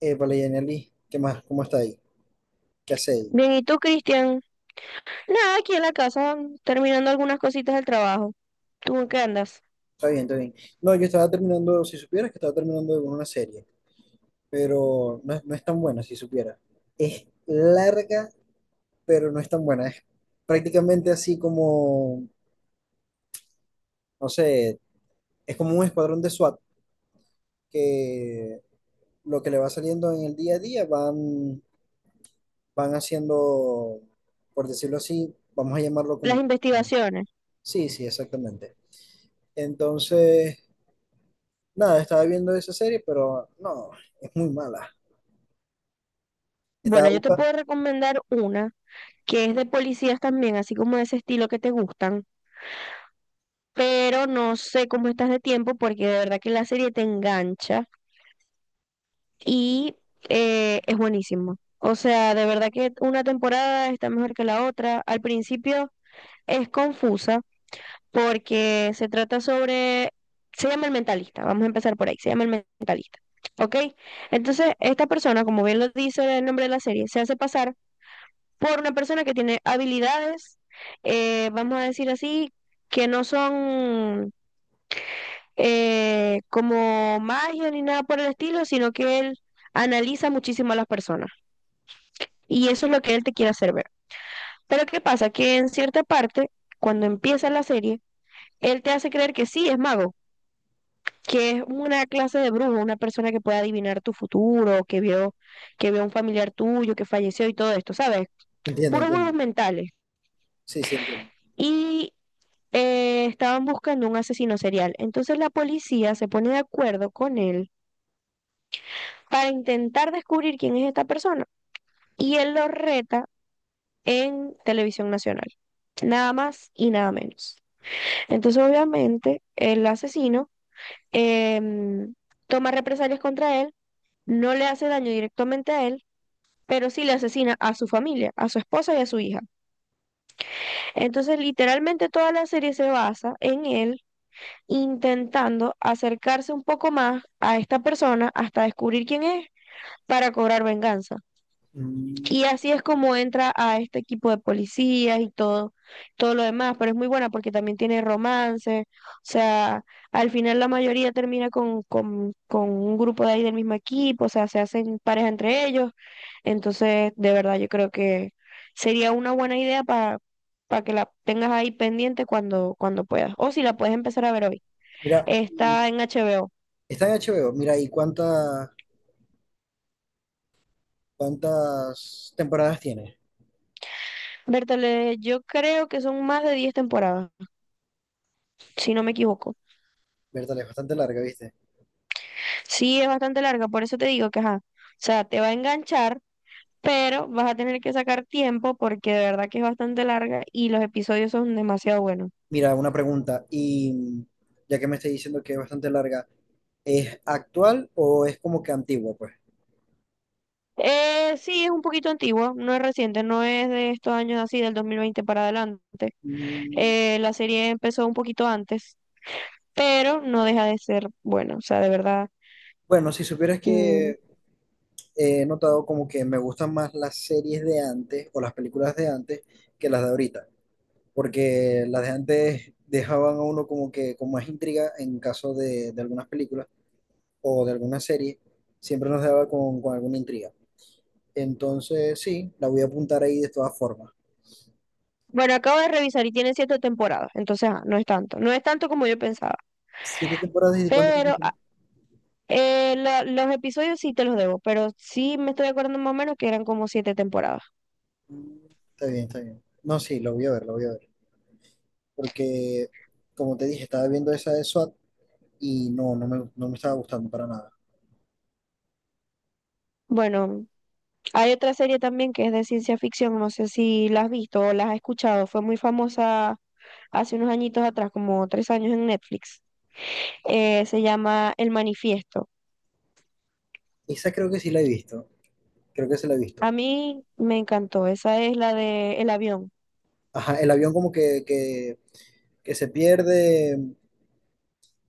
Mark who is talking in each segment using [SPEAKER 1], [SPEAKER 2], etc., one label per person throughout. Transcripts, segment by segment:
[SPEAKER 1] Vale, Yaneli, ¿qué más? ¿Cómo está ahí? ¿Qué hace ahí?
[SPEAKER 2] Bien, ¿y tú, Cristian? Nada, aquí en la casa, terminando algunas cositas del trabajo. ¿Tú en qué andas?
[SPEAKER 1] Está bien, está bien. No, yo estaba terminando, si supieras que estaba terminando de ver una serie, pero no, no es tan buena, si supieras. Es larga, pero no es tan buena. Es prácticamente así como, no sé, es como un escuadrón de SWAT que lo que le va saliendo en el día a día van haciendo, por decirlo así, vamos a llamarlo como...
[SPEAKER 2] Las investigaciones.
[SPEAKER 1] Sí, sí, exactamente. Entonces... Nada, estaba viendo esa serie, pero no, es muy mala. Estaba
[SPEAKER 2] Bueno, yo te
[SPEAKER 1] buscando.
[SPEAKER 2] puedo recomendar una que es de policías también, así como de ese estilo que te gustan, pero no sé cómo estás de tiempo porque de verdad que la serie te engancha y es buenísimo. O sea, de verdad que una temporada está mejor que la otra. Al principio es confusa porque se trata sobre, se llama el mentalista. Vamos a empezar por ahí, se llama el mentalista, ¿ok? Entonces, esta persona, como bien lo dice el nombre de la serie, se hace pasar por una persona que tiene habilidades, vamos a decir así, que no son como magia ni nada por el estilo, sino que él analiza muchísimo a las personas. Y eso es lo que él te quiere hacer ver. Pero ¿qué pasa? Que en cierta parte, cuando empieza la serie, él te hace creer que sí, es mago, que es una clase de brujo, una persona que puede adivinar tu futuro, que vio a un familiar tuyo que falleció y todo esto, ¿sabes?
[SPEAKER 1] Entiendo,
[SPEAKER 2] Puros juegos
[SPEAKER 1] entiendo.
[SPEAKER 2] mentales.
[SPEAKER 1] Sí, sí, entiendo.
[SPEAKER 2] Y estaban buscando un asesino serial. Entonces la policía se pone de acuerdo con él para intentar descubrir quién es esta persona. Y él lo reta en televisión nacional. Nada más y nada menos. Entonces, obviamente, el asesino em, toma represalias contra él, no le hace daño directamente a él, pero sí le asesina a su familia, a su esposa y a su hija. Entonces, literalmente toda la serie se basa en él intentando acercarse un poco más a esta persona hasta descubrir quién es para cobrar venganza.
[SPEAKER 1] Mm.
[SPEAKER 2] Y así es como entra a este equipo de policías y todo, todo lo demás, pero es muy buena porque también tiene romance, o sea, al final la mayoría termina con un grupo de ahí del mismo equipo, o sea, se hacen pareja entre ellos. Entonces, de verdad, yo creo que sería una buena idea para que la tengas ahí pendiente cuando, cuando puedas. O si la puedes empezar a ver hoy.
[SPEAKER 1] Mira, y
[SPEAKER 2] Está en HBO.
[SPEAKER 1] está en HBO. Mira, ¿y cuántas temporadas tiene?
[SPEAKER 2] Bertale, yo creo que son más de 10 temporadas, si no me equivoco.
[SPEAKER 1] Verdad, es bastante larga, ¿viste?
[SPEAKER 2] Sí, es bastante larga, por eso te digo que, ajá, o sea, te va a enganchar, pero vas a tener que sacar tiempo porque de verdad que es bastante larga y los episodios son demasiado buenos.
[SPEAKER 1] Mira, una pregunta. Y ya que me estás diciendo que es bastante larga, ¿es actual o es como que antigua, pues?
[SPEAKER 2] Sí, es un poquito antiguo, no es reciente, no es de estos años así, del 2020 para adelante.
[SPEAKER 1] Mm.
[SPEAKER 2] La serie empezó un poquito antes, pero no deja de ser buena, o sea, de verdad.
[SPEAKER 1] Bueno, si supieras
[SPEAKER 2] Mm.
[SPEAKER 1] que he notado como que me gustan más las series de antes o las películas de antes que las de ahorita, porque las de antes dejaban a uno como que con más intriga en caso de algunas películas o de alguna serie, siempre nos dejaba con alguna intriga. Entonces, sí, la voy a apuntar ahí de todas formas.
[SPEAKER 2] Bueno, acabo de revisar y tiene 7 temporadas, entonces ah, no es tanto, no es tanto como yo pensaba,
[SPEAKER 1] ¿Siete temporadas y de cuántos
[SPEAKER 2] pero
[SPEAKER 1] capítulos?
[SPEAKER 2] ah, los episodios sí te los debo, pero sí me estoy acordando más o menos que eran como 7 temporadas.
[SPEAKER 1] Mm. Está bien, está bien. No, sí, lo voy a ver, lo voy a ver. Porque, como te dije, estaba viendo esa de SWAT y no, no me estaba gustando para nada.
[SPEAKER 2] Bueno, hay otra serie también que es de ciencia ficción, no sé si la has visto o la has escuchado, fue muy famosa hace unos añitos atrás, como 3 años en Netflix, se llama El Manifiesto.
[SPEAKER 1] Esa creo que sí la he visto, creo que se la he visto.
[SPEAKER 2] A mí me encantó, esa es la de el avión.
[SPEAKER 1] Ajá, el avión como que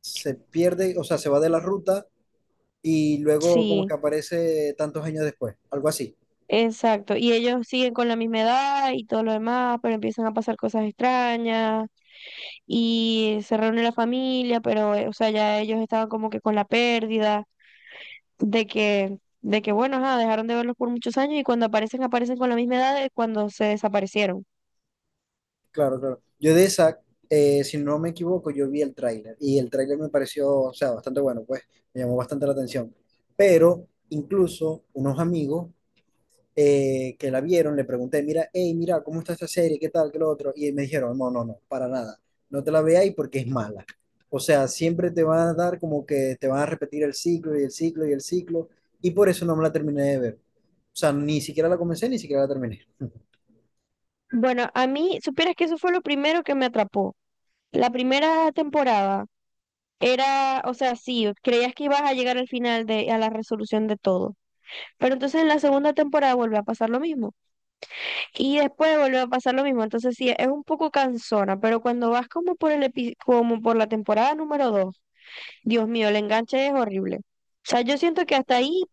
[SPEAKER 1] se pierde, o sea, se va de la ruta y luego como
[SPEAKER 2] Sí,
[SPEAKER 1] que aparece tantos años después, algo así.
[SPEAKER 2] exacto. Y ellos siguen con la misma edad y todo lo demás, pero empiezan a pasar cosas extrañas y se reúne la familia, pero o sea, ya ellos estaban como que con la pérdida de que bueno, ajá, dejaron de verlos por muchos años y cuando aparecen aparecen con la misma edad de cuando se desaparecieron.
[SPEAKER 1] Claro, claro. Yo de esa, si no me equivoco, yo vi el tráiler y el tráiler me pareció, o sea, bastante bueno, pues me llamó bastante la atención. Pero incluso unos amigos que la vieron, le pregunté, mira, hey, mira, ¿cómo está esta serie? ¿Qué tal? ¿Qué lo otro? Y me dijeron, no, no, no, para nada. No te la veáis porque es mala. O sea, siempre te van a dar como que te van a repetir el ciclo y el ciclo y el ciclo. Y por eso no me la terminé de ver. O sea, ni siquiera la comencé, ni siquiera la terminé.
[SPEAKER 2] Bueno, a mí supieras que eso fue lo primero que me atrapó. La primera temporada era, o sea, sí, creías que ibas a llegar al final de, a la resolución de todo. Pero entonces en la segunda temporada vuelve a pasar lo mismo. Y después vuelve a pasar lo mismo. Entonces sí, es un poco cansona, pero cuando vas como por como por la temporada número 2, Dios mío, el enganche es horrible. O sea, yo siento que hasta ahí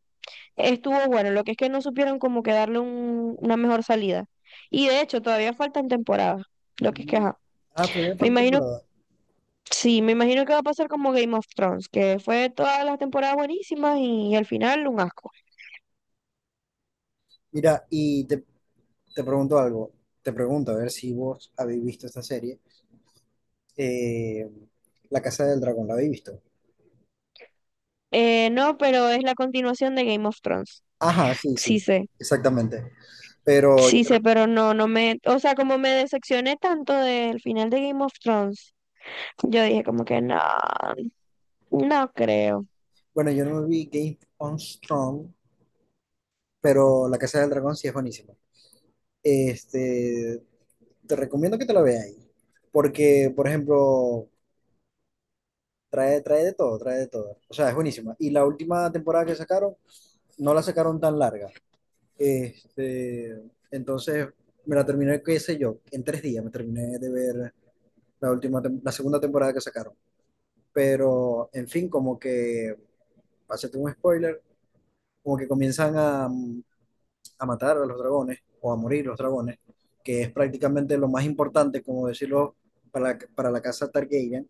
[SPEAKER 2] estuvo bueno, lo que es que no supieron como que darle una mejor salida. Y de hecho, todavía faltan temporadas, lo que es que,
[SPEAKER 1] Mm.
[SPEAKER 2] ajá.
[SPEAKER 1] Ah, todavía
[SPEAKER 2] Me
[SPEAKER 1] falta
[SPEAKER 2] imagino.
[SPEAKER 1] temporada.
[SPEAKER 2] Sí, me imagino que va a pasar como Game of Thrones, que fue todas las temporadas buenísimas y, al final un asco.
[SPEAKER 1] Mira, te pregunto algo. Te pregunto, a ver si vos habéis visto esta serie. Eh, La Casa del Dragón, ¿la habéis visto?
[SPEAKER 2] No, pero es la continuación de Game of Thrones.
[SPEAKER 1] Ajá, sí,
[SPEAKER 2] Sí
[SPEAKER 1] sí,
[SPEAKER 2] sé,
[SPEAKER 1] exactamente. Pero
[SPEAKER 2] sí sé, pero no, no me, o sea, como me decepcioné tanto del final de Game of Thrones, yo dije como que no, no creo.
[SPEAKER 1] bueno, yo no me vi Game on Strong, pero La Casa del Dragón sí es buenísima. Este, te recomiendo que te la veas, porque, por ejemplo, trae, trae de todo, trae de todo. O sea, es buenísima. Y la última temporada que sacaron, no la sacaron tan larga. Este, entonces, me la terminé, qué sé yo, en tres días me terminé de ver la última, la segunda temporada que sacaron. Pero, en fin, como que, para hacerte un spoiler, como que comienzan a matar a los dragones o a morir los dragones, que es prácticamente lo más importante, como decirlo, para la casa Targaryen.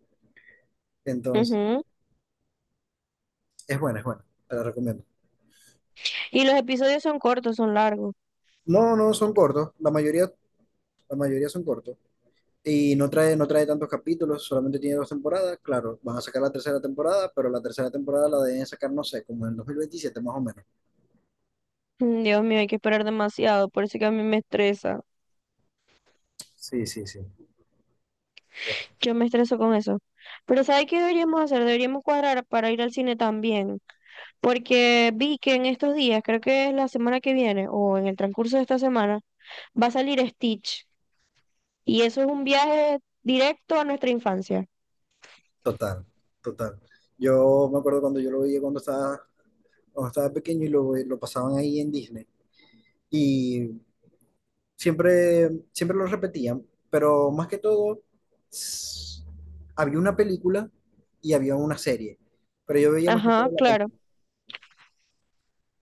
[SPEAKER 1] Entonces,
[SPEAKER 2] Ujú.
[SPEAKER 1] es buena, te la recomiendo.
[SPEAKER 2] Y los episodios son cortos, son largos.
[SPEAKER 1] No, no, son cortos, la mayoría son cortos. Y no no trae tantos capítulos, solamente tiene dos temporadas. Claro, van a sacar la tercera temporada, pero la tercera temporada la deben sacar, no sé, como en 2027 más o menos.
[SPEAKER 2] Mm, Dios mío, hay que esperar demasiado, por eso que a mí me estresa.
[SPEAKER 1] Sí, sí, sí.
[SPEAKER 2] Yo me estreso con eso. Pero ¿sabes qué deberíamos hacer? Deberíamos cuadrar para ir al cine también. Porque vi que en estos días, creo que es la semana que viene o en el transcurso de esta semana, va a salir Stitch. Y eso es un viaje directo a nuestra infancia.
[SPEAKER 1] Total, total. Yo me acuerdo cuando yo lo veía cuando cuando estaba pequeño y lo pasaban ahí en Disney. Y siempre, siempre lo repetían, pero más que todo, s- había una película y había una serie, pero yo veía más que
[SPEAKER 2] Ajá,
[SPEAKER 1] todo la
[SPEAKER 2] claro.
[SPEAKER 1] película.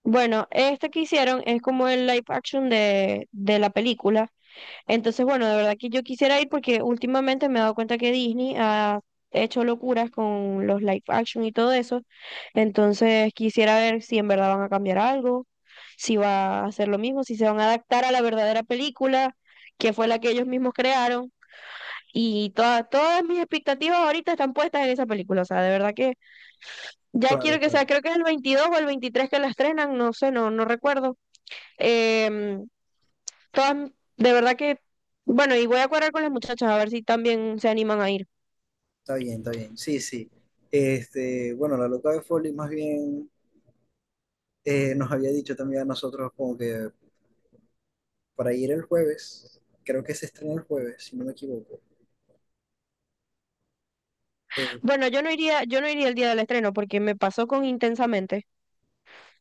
[SPEAKER 2] Bueno, este que hicieron es como el live action de la película. Entonces, bueno, de verdad que yo quisiera ir porque últimamente me he dado cuenta que Disney ha hecho locuras con los live action y todo eso. Entonces, quisiera ver si en verdad van a cambiar algo, si va a hacer lo mismo, si se van a adaptar a la verdadera película, que fue la que ellos mismos crearon. Y todas mis expectativas ahorita están puestas en esa película. O sea, de verdad que ya
[SPEAKER 1] Claro,
[SPEAKER 2] quiero que
[SPEAKER 1] claro,
[SPEAKER 2] sea, creo que es el 22 o el 23 que la estrenan, no sé, no, no recuerdo. Em, Todas, de verdad que, bueno, y voy a cuadrar con las muchachas a ver si también se animan a ir.
[SPEAKER 1] está bien, sí, sí. Este, bueno, la loca de Foley más bien nos había dicho también a nosotros como que para ir el jueves, creo que se estrena el jueves, si no me equivoco. Eh,
[SPEAKER 2] Bueno, yo no iría el día del estreno porque me pasó con Intensamente,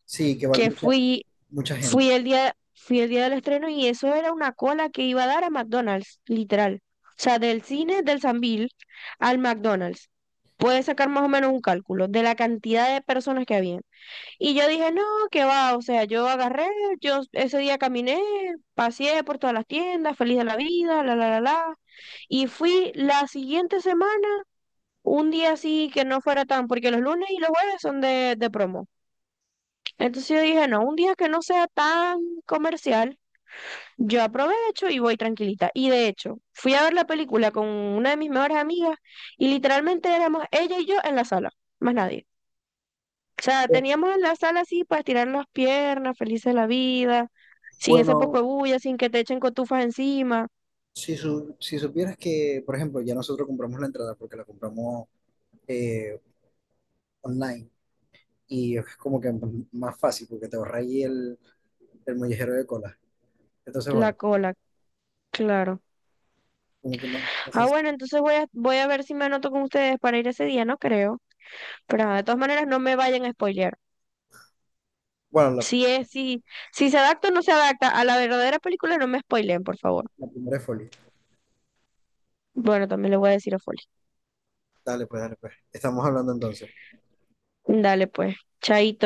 [SPEAKER 1] sí, que va
[SPEAKER 2] que fui,
[SPEAKER 1] mucha gente.
[SPEAKER 2] fui el día del estreno y eso era una cola que iba a dar a McDonald's, literal. O sea, del cine del Sambil al McDonald's. Puedes sacar más o menos un cálculo de la cantidad de personas que había. Y yo dije, no, qué va, o sea, yo agarré, yo ese día caminé, paseé por todas las tiendas, feliz de la vida, la, la, la, la. Y fui la siguiente semana, un día así que no fuera tan, porque los lunes y los jueves son de promo. Entonces yo dije, no, un día que no sea tan comercial, yo aprovecho y voy tranquilita. Y de hecho, fui a ver la película con una de mis mejores amigas y literalmente éramos ella y yo en la sala, más nadie. O sea,
[SPEAKER 1] Eh,
[SPEAKER 2] teníamos en la sala así para estirar las piernas, felices de la vida, sin ese poco de
[SPEAKER 1] Bueno,
[SPEAKER 2] bulla, sin que te echen cotufas encima,
[SPEAKER 1] si supieras que, por ejemplo, ya nosotros compramos la entrada porque la compramos eh, online y es como que más fácil porque te ahorra ahí el mollejero de cola. Entonces,
[SPEAKER 2] la
[SPEAKER 1] bueno,
[SPEAKER 2] cola, claro.
[SPEAKER 1] como que más
[SPEAKER 2] Ah,
[SPEAKER 1] sencillo.
[SPEAKER 2] bueno, entonces voy a, voy a ver si me anoto con ustedes para ir ese día, no creo. Pero ah, de todas maneras, no me vayan a spoilear.
[SPEAKER 1] Bueno,
[SPEAKER 2] Si es, si, si se adapta o no se adapta a la verdadera película, no me spoileen, por favor.
[SPEAKER 1] la primera es Folly.
[SPEAKER 2] Bueno, también le voy a decir a Foley.
[SPEAKER 1] Dale, pues, dale, pues. Estamos hablando entonces.
[SPEAKER 2] Dale, pues, chaito.